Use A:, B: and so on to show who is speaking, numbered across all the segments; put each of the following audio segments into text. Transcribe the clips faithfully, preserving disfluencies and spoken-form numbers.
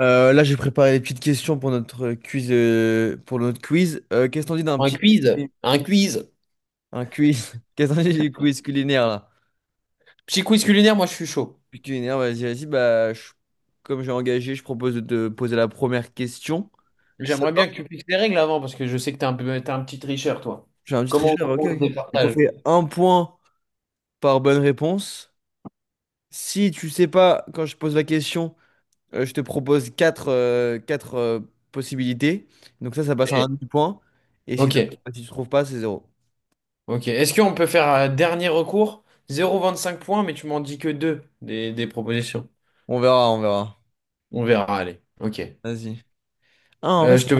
A: Euh, là, j'ai préparé des petites questions pour notre quiz. euh, pour notre quiz. Euh, qu'est-ce qu'on dit d'un
B: Un
A: petit quiz,
B: quiz,
A: culi-
B: un quiz.
A: un quiz? Qu'est-ce qu'on dit du quiz culinaire là?
B: Petit quiz culinaire, moi je suis chaud.
A: Puis culinaire, vas-y, vas-y. Bah, je- comme j'ai engagé, je propose de te poser la première question. Si ça te
B: J'aimerais bien que
A: va?
B: tu fixes les règles avant parce que je sais que t'es un peu, t'es un petit tricheur, toi.
A: J'ai un petit
B: Comment,
A: tricheur. Ok,
B: comment
A: ok.
B: on se
A: Donc, on
B: départage?
A: fait un point par bonne réponse. Si tu sais pas quand je pose la question, euh, je te propose quatre, euh, quatre euh, possibilités. Donc ça, ça passe à un
B: Et-
A: demi-point. Et si,
B: Ok,
A: t'as- si tu trouves pas, c'est zéro.
B: ok. Est-ce qu'on peut faire euh, dernier recours? Zéro virgule vingt-cinq points, mais tu m'en dis que deux des, des propositions.
A: On verra, on verra.
B: On verra, allez. Ok.
A: Vas-y. Ah, en vrai,
B: Euh, je
A: c'est
B: te...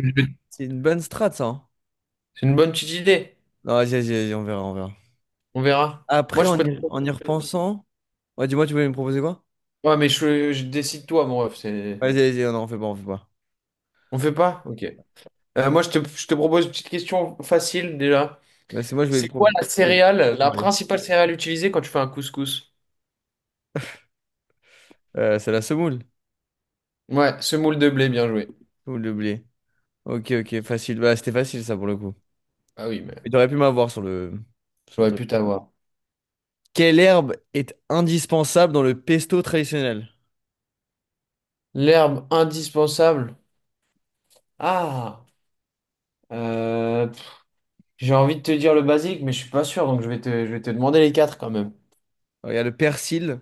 A: c'est une bonne strat, ça, hein.
B: C'est une bonne petite idée.
A: Non, vas-y, vas-y, vas-y, on verra, on verra.
B: On verra.
A: Après,
B: Moi je
A: en
B: peux.
A: y, en y repensant. Ouais, dis-moi, tu voulais me proposer quoi?
B: Ouais, mais je, je décide toi, mon ref. c'est-
A: Vas-y, vas-y, non, on fait pas, on fait pas.
B: On fait pas? Ok. Euh, moi je te, je te propose une petite question facile déjà.
A: Là, c'est moi, je vais te
B: C'est quoi
A: proposer.
B: la céréale, la principale céréale utilisée quand tu fais un couscous?
A: C'est la semoule.
B: Ouais, semoule de blé, bien joué.
A: Semoule de blé. Ok, ok, facile. Bah, c'était facile, ça, pour le coup.
B: Ah oui, mais
A: Mais t'aurais pu m'avoir sur le... sur le
B: j'aurais
A: truc.
B: pu t'avoir.
A: Quelle herbe est indispensable dans le pesto traditionnel?
B: L'herbe indispensable. Ah, euh, pff, j'ai envie de te dire le basique, mais je suis pas sûr, donc je vais te, je vais te demander les quatre quand même.
A: Alors, il y a le persil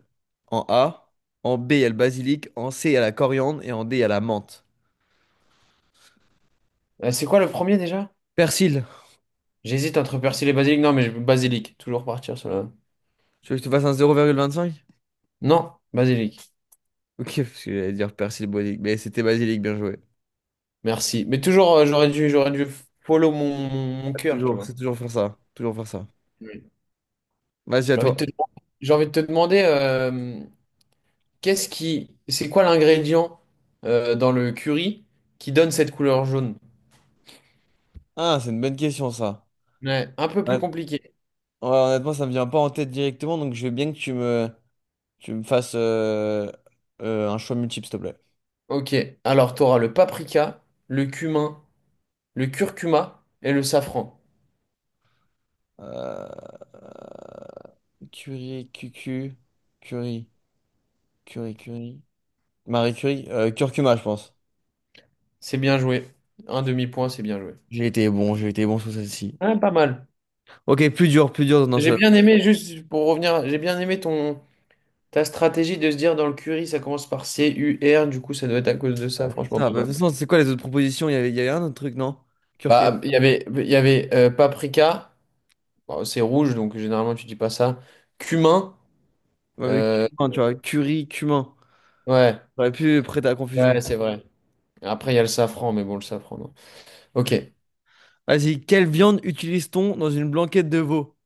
A: en A, en bé, il y a le basilic, en cé, il y a la coriandre et en dé, il y a la menthe.
B: Euh, c'est quoi le premier déjà?
A: Persil,
B: J'hésite entre persil et basilic. Non, mais je- basilic. Toujours partir sur la...
A: tu veux que je te fasse un zéro virgule vingt-cinq?
B: Non, basilic.
A: Ok, parce que j'allais dire persil basilic, mais c'était basilic, bien joué.
B: Merci. Mais toujours, euh, j'aurais dû, j'aurais dû follow mon, mon, mon
A: Faut
B: cœur, tu
A: Toujours,
B: vois.
A: c'est toujours faire ça, toujours faire ça.
B: Oui.
A: Vas-y, à
B: J'ai envie de
A: toi.
B: te, j'ai envie de te demander euh, Qu'est-ce qui, c'est quoi l'ingrédient euh, dans le curry qui donne cette couleur jaune?
A: Ah, c'est une bonne question, ça.
B: Ouais, un peu
A: Ouais,
B: plus
A: ouais,
B: compliqué.
A: honnêtement, ça me vient pas en tête directement, donc je veux bien que tu me, tu me fasses euh, euh, un choix multiple, s'il te plaît.
B: Ok, alors tu auras le paprika, le cumin, le curcuma et le safran.
A: Euh, Curie, cucu, Curie, Curie, Curie. Marie Curie, euh, curcuma, je pense.
B: C'est bien joué. Un demi-point, c'est bien joué.
A: J'ai été bon, j'ai été bon sur celle-ci.
B: Ouais, pas mal.
A: Ok, plus dur, plus dur dans
B: J'ai
A: celle-là.
B: bien aimé, juste pour revenir, j'ai bien aimé ton ta stratégie de se dire dans le curry, ça commence par C-U-R, du coup ça doit être à cause de ça,
A: Ouais, c'est
B: franchement
A: ça,
B: pas
A: bah, de
B: mal.
A: toute façon, c'est quoi les autres propositions? Il y avait, il y avait un autre truc, non? Curcuma.
B: Bah, il y avait, il y avait euh, paprika. Bon, c'est rouge, donc généralement tu dis pas ça. Cumin.
A: Ouais, mais
B: euh,
A: cumin, tu vois, curry, cumin.
B: Ouais,
A: J'aurais pu prêter à la
B: ouais,
A: confusion.
B: c'est vrai. Après, il y a le safran, mais bon, le safran, non. Ok.
A: Vas-y, quelle viande utilise-t-on dans une blanquette de veau?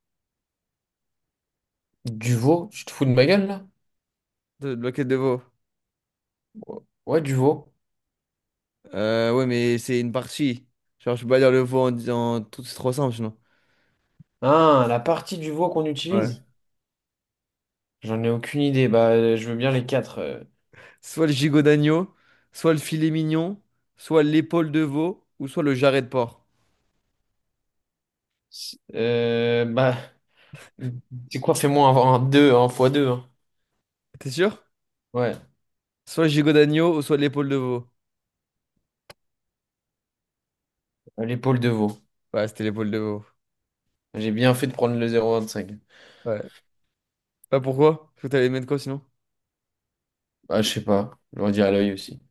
B: Du veau, tu te fous de ma gueule, là?
A: De, de blanquette de veau.
B: Ouais, du veau.
A: Euh, ouais, mais c'est une partie. Genre, je peux pas dire le veau en disant tout, c'est trop simple, sinon.
B: Ah, la partie du veau qu'on
A: Ouais.
B: utilise? J'en ai aucune idée. Bah, euh, je veux bien les quatre. euh.
A: Soit le gigot d'agneau, soit le filet mignon, soit l'épaule de veau, ou soit le jarret de porc.
B: C'est- euh, bah, c'est quoi? Fais-moi un, un deux un fois deux.
A: T'es sûr?
B: Ouais,
A: Soit le gigot d'agneau, ou soit l'épaule de veau.
B: l'épaule de veau.
A: Ouais, c'était l'épaule de veau.
B: J'ai bien fait de prendre le zéro virgule vingt-cinq.
A: Ouais. Bah pourquoi? Parce que t'allais mettre quoi sinon?
B: Bah, je sais pas. Je leur dis à l'œil aussi.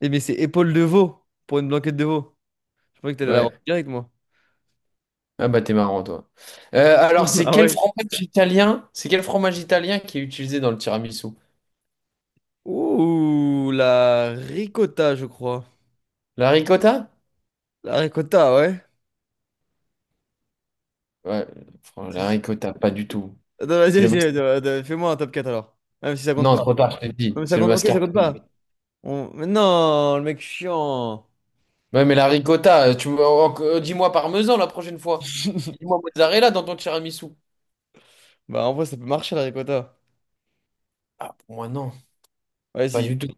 A: Eh, mais c'est épaule de veau pour une blanquette de veau. Je pensais que t'allais l'avoir
B: Ouais.
A: direct, moi.
B: Ah bah, t'es marrant, toi. Euh, alors, c'est
A: Ah
B: quel
A: ouais.
B: fromage italien? C'est quel fromage italien qui est utilisé dans le tiramisu?
A: Ouh, la ricotta, je crois.
B: La ricotta?
A: La ricotta, ouais.
B: Ouais, fran- la
A: C'est-
B: ricotta, pas du tout.
A: Attends, vas-y,
B: C'est le
A: vas-y,
B: mas-
A: attends, attends, fais-moi un top quatre alors. Même si ça compte
B: Non,
A: pas.
B: trop tard, je te le dis.
A: Non, mais ça
B: C'est le
A: compte. Ok, ça compte pas.
B: mascarpone.
A: On- Mais non, le mec chiant.
B: Ouais, mais la ricotta, euh, tu me- en- en- euh, dis-moi parmesan la prochaine fois. Dis-moi mozzarella dans ton tiramisu.
A: Bah, en vrai, ça peut marcher la ricotta.
B: Ah, pour moi, non. Pas
A: Vas-y.
B: du tout.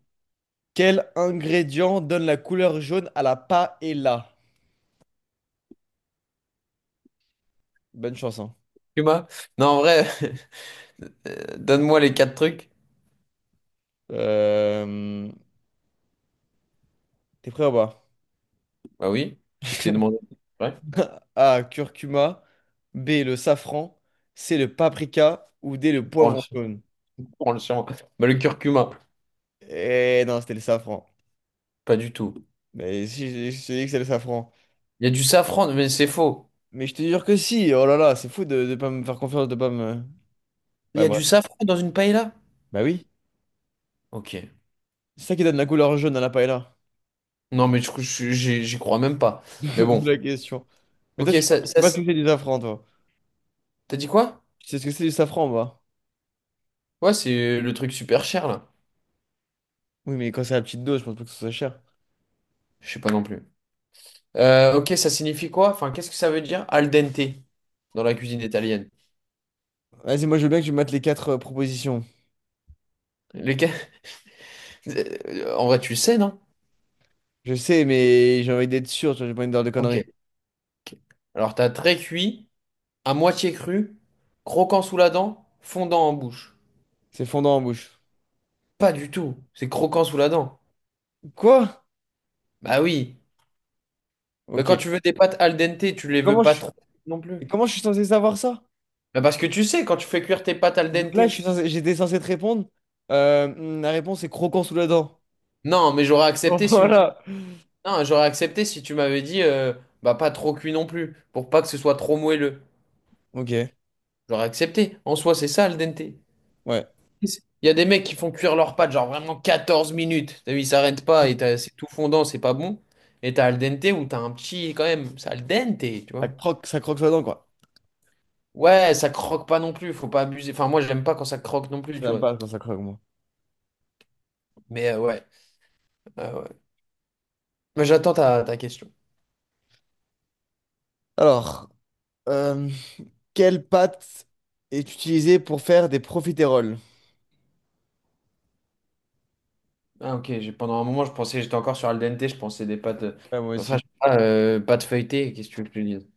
A: Quel ingrédient donne la couleur jaune à la paella? Bonne chance, hein.
B: Tu m'as... Non, en vrai, euh, donne-moi les quatre trucs.
A: Euh, T'es prêt ou pas?
B: Bah oui, si je t'ai demandé. Ouais,
A: a. Curcuma. bé. Le safran. cé. Le paprika. Ou dé. Le
B: prends le,
A: poivron jaune.
B: prends le sien. Bah, le curcuma,
A: Eh non, c'était le safran.
B: pas du tout.
A: Mais si, je je te dis que c'est le safran.
B: Il y a du safran, mais c'est faux.
A: Mais je te jure que si, oh là là, c'est fou de ne pas me faire confiance, de pas me...
B: Il
A: Ouais,
B: y a
A: ouais.
B: du safran dans une paella?
A: Bah oui,
B: Ok.
A: c'est ça qui donne la couleur jaune à la paella,
B: Non, mais je- je- j'y j'y crois même pas. Mais
A: de
B: bon.
A: la question. Mais
B: Ok,
A: toi, tu sais
B: ça,
A: pas ce
B: ça,
A: que c'est du safran, toi.
B: t'as dit quoi?
A: Tu sais ce que c'est du safran, moi.
B: Ouais, c'est le truc super cher là.
A: Oui, mais quand c'est à petite dose, je pense pas que ce soit cher.
B: Je sais pas non plus. Euh, ok, ça signifie quoi? Enfin, qu'est-ce que ça veut dire al dente dans la cuisine italienne?
A: Vas-y, moi, je veux bien que tu mates les quatre euh, propositions.
B: Les... ca- Euh, en vrai, tu le sais, non?
A: Je sais, mais j'ai envie d'être sûr, tu vois, j'ai pas envie de dire de
B: Ok.
A: conneries.
B: Ok. Alors, t'as très cuit, à moitié cru, croquant sous la dent, fondant en bouche.
A: C'est fondant en bouche.
B: Pas du tout. C'est croquant sous la dent.
A: Quoi?
B: Bah oui. Mais
A: Ok.
B: quand tu veux des pâtes al dente, tu les veux
A: Comment je
B: pas
A: suis,
B: trop non plus.
A: comment je suis censé savoir ça?
B: Bah parce que tu sais, quand tu fais cuire tes pâtes al
A: Donc là, je
B: dente.
A: suis censé- j'étais censé te répondre. Euh, la réponse est croquant sous la dent.
B: Non, mais j'aurais accepté si
A: Voilà.
B: Non, j'aurais accepté si tu m'avais dit euh, bah pas trop cuit non plus, pour pas que ce soit trop moelleux.
A: Ok,
B: J'aurais accepté. En soi, c'est ça al dente.
A: ouais.
B: Il y a des mecs qui font cuire leurs pâtes genre vraiment quatorze minutes. T'as vu, ils s'arrêtent pas et t'as- c'est tout fondant, c'est pas bon. Et t'as al dente où t'as un petit quand même, c'est al dente, tu
A: Ça
B: vois.
A: croque, ça croque sous la dent, quoi.
B: Ouais, ça croque pas non plus, faut pas abuser. Enfin, moi, j'aime pas quand ça croque non plus, tu
A: J'aime
B: vois.
A: pas quand ça croque, moi.
B: Mais euh, ouais, euh, ouais. Mais j'attends ta, ta question.
A: Alors, euh, quelle pâte est utilisée pour faire des profiteroles?
B: Ah, ok, j'ai- pendant un moment, je pensais, j'étais encore sur al dente, je pensais des pâtes. euh,
A: Ouais, moi
B: Enfin,
A: aussi.
B: je sais pas, euh, pâtes feuilletées, qu'est-ce que tu veux que je te dise?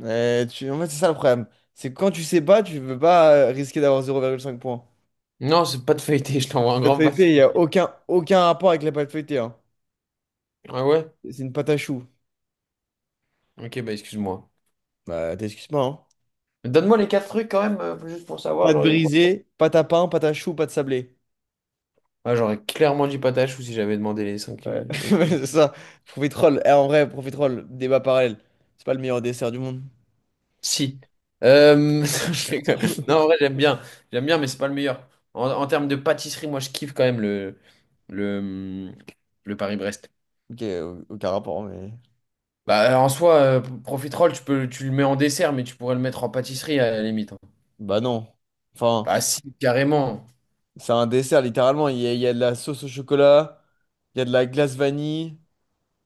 A: Euh, tu... En fait, c'est ça le problème. C'est que quand tu sais pas, tu veux pas euh, risquer d'avoir zéro virgule cinq points.
B: Non, c'est pas de feuilleté, je t'envoie un
A: La pâte
B: grand pas.
A: feuilletée, il n'y a aucun, aucun rapport avec la pâte feuilletée, hein.
B: Ah ouais?
A: C'est une pâte à choux.
B: Ok, bah excuse-moi.
A: Bah, t'excuses pas, hein.
B: Mais donne-moi les quatre trucs quand même, euh, juste pour savoir,
A: Pâte
B: j'aurais eu quoi?
A: brisée, pâte à pain, pâte à choux, pâte sablée.
B: Ah, j'aurais clairement dit patache ou si j'avais demandé les cinq. euh,
A: Ouais,
B: les-
A: c'est ça. Profiterole. Eh, en vrai, profiterole, débat parallèle. C'est pas le meilleur dessert du monde.
B: Si. Euh, je rigole. Non, en vrai, j'aime bien. J'aime bien, mais c'est pas le meilleur. En, en termes de pâtisserie, moi, je kiffe quand même le, le, le Paris-Brest.
A: Ok, au- aucun rapport, mais.
B: Bah, en soi, euh, profiterole, tu peux, tu le mets en dessert, mais tu pourrais le mettre en pâtisserie à la limite, hein.
A: Bah non. Enfin,
B: Bah, si, carrément.
A: c'est un dessert, littéralement. Il y a, il y a de la sauce au chocolat, il y a de la glace vanille.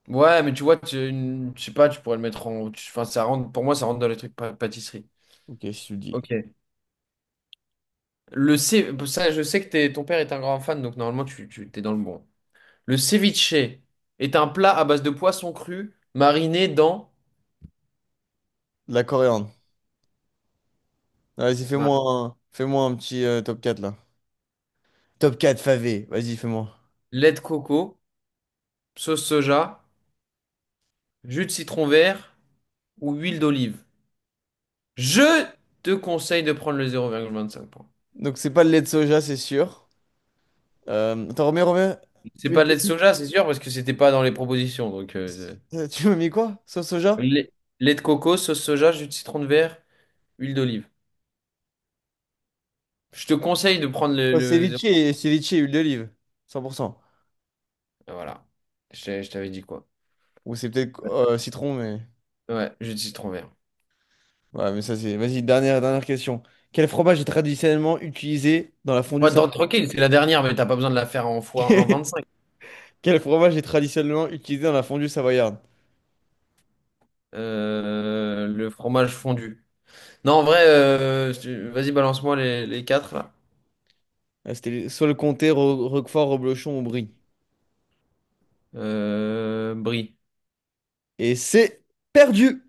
B: Ouais, mais tu vois, tu, une- je sais pas, tu pourrais le mettre en. tu- Enfin, ça rentre, pour moi, ça rentre dans les trucs pa- pâtisserie.
A: Ok, si tu le dis.
B: Ok. Le ce- ça, je sais que t'es- ton père est un grand fan, donc normalement, tu, tu t'es dans le bon. Le ceviche est un plat à base de poisson cru mariné dans
A: De la coriandre. Ah, vas-y, fais-moi
B: Mar-
A: un, fais-moi un petit euh, top quatre là. Top quatre favé, vas-y, fais-moi.
B: lait de coco, sauce soja, jus de citron vert ou huile d'olive. Je te conseille de prendre le zéro virgule vingt-cinq points.
A: Donc, c'est pas le lait de soja, c'est sûr. Euh, attends, remets, remets.
B: C'est pas
A: Huile
B: de lait de
A: d'olive.
B: soja, c'est sûr, parce que c'était pas dans les propositions. Donc, euh,
A: Euh, Tu m'as mis quoi? Sauce soja?
B: lait, lait de coco, sauce soja, jus de citron de verre. Huile d'olive. Je te conseille de prendre le,
A: Oh,
B: le zéro-
A: ceviche et ceviche et huile d'olive. cent pour cent.
B: Voilà. Je, t'ai- je t'avais dit quoi?
A: Ou c'est peut-être euh, citron, mais.
B: Ouais, jus de citron vert.
A: Ouais, mais ça c'est. Vas-y, dernière, dernière question. Quel fromage est traditionnellement utilisé dans la fondue
B: Ouais,
A: savoyarde?
B: dans- tranquille, c'est la dernière, mais t'as pas besoin de la faire en fois un virgule vingt-cinq.
A: Quel fromage est traditionnellement utilisé dans la fondue savoyarde?
B: Euh, le fromage fondu. Non, en vrai, euh, je- vas-y, balance-moi les, les quatre là.
A: Ah, c'était soit le comté, Ro- Roquefort, Reblochon ou Brie.
B: Euh, brie.
A: Et c'est perdu!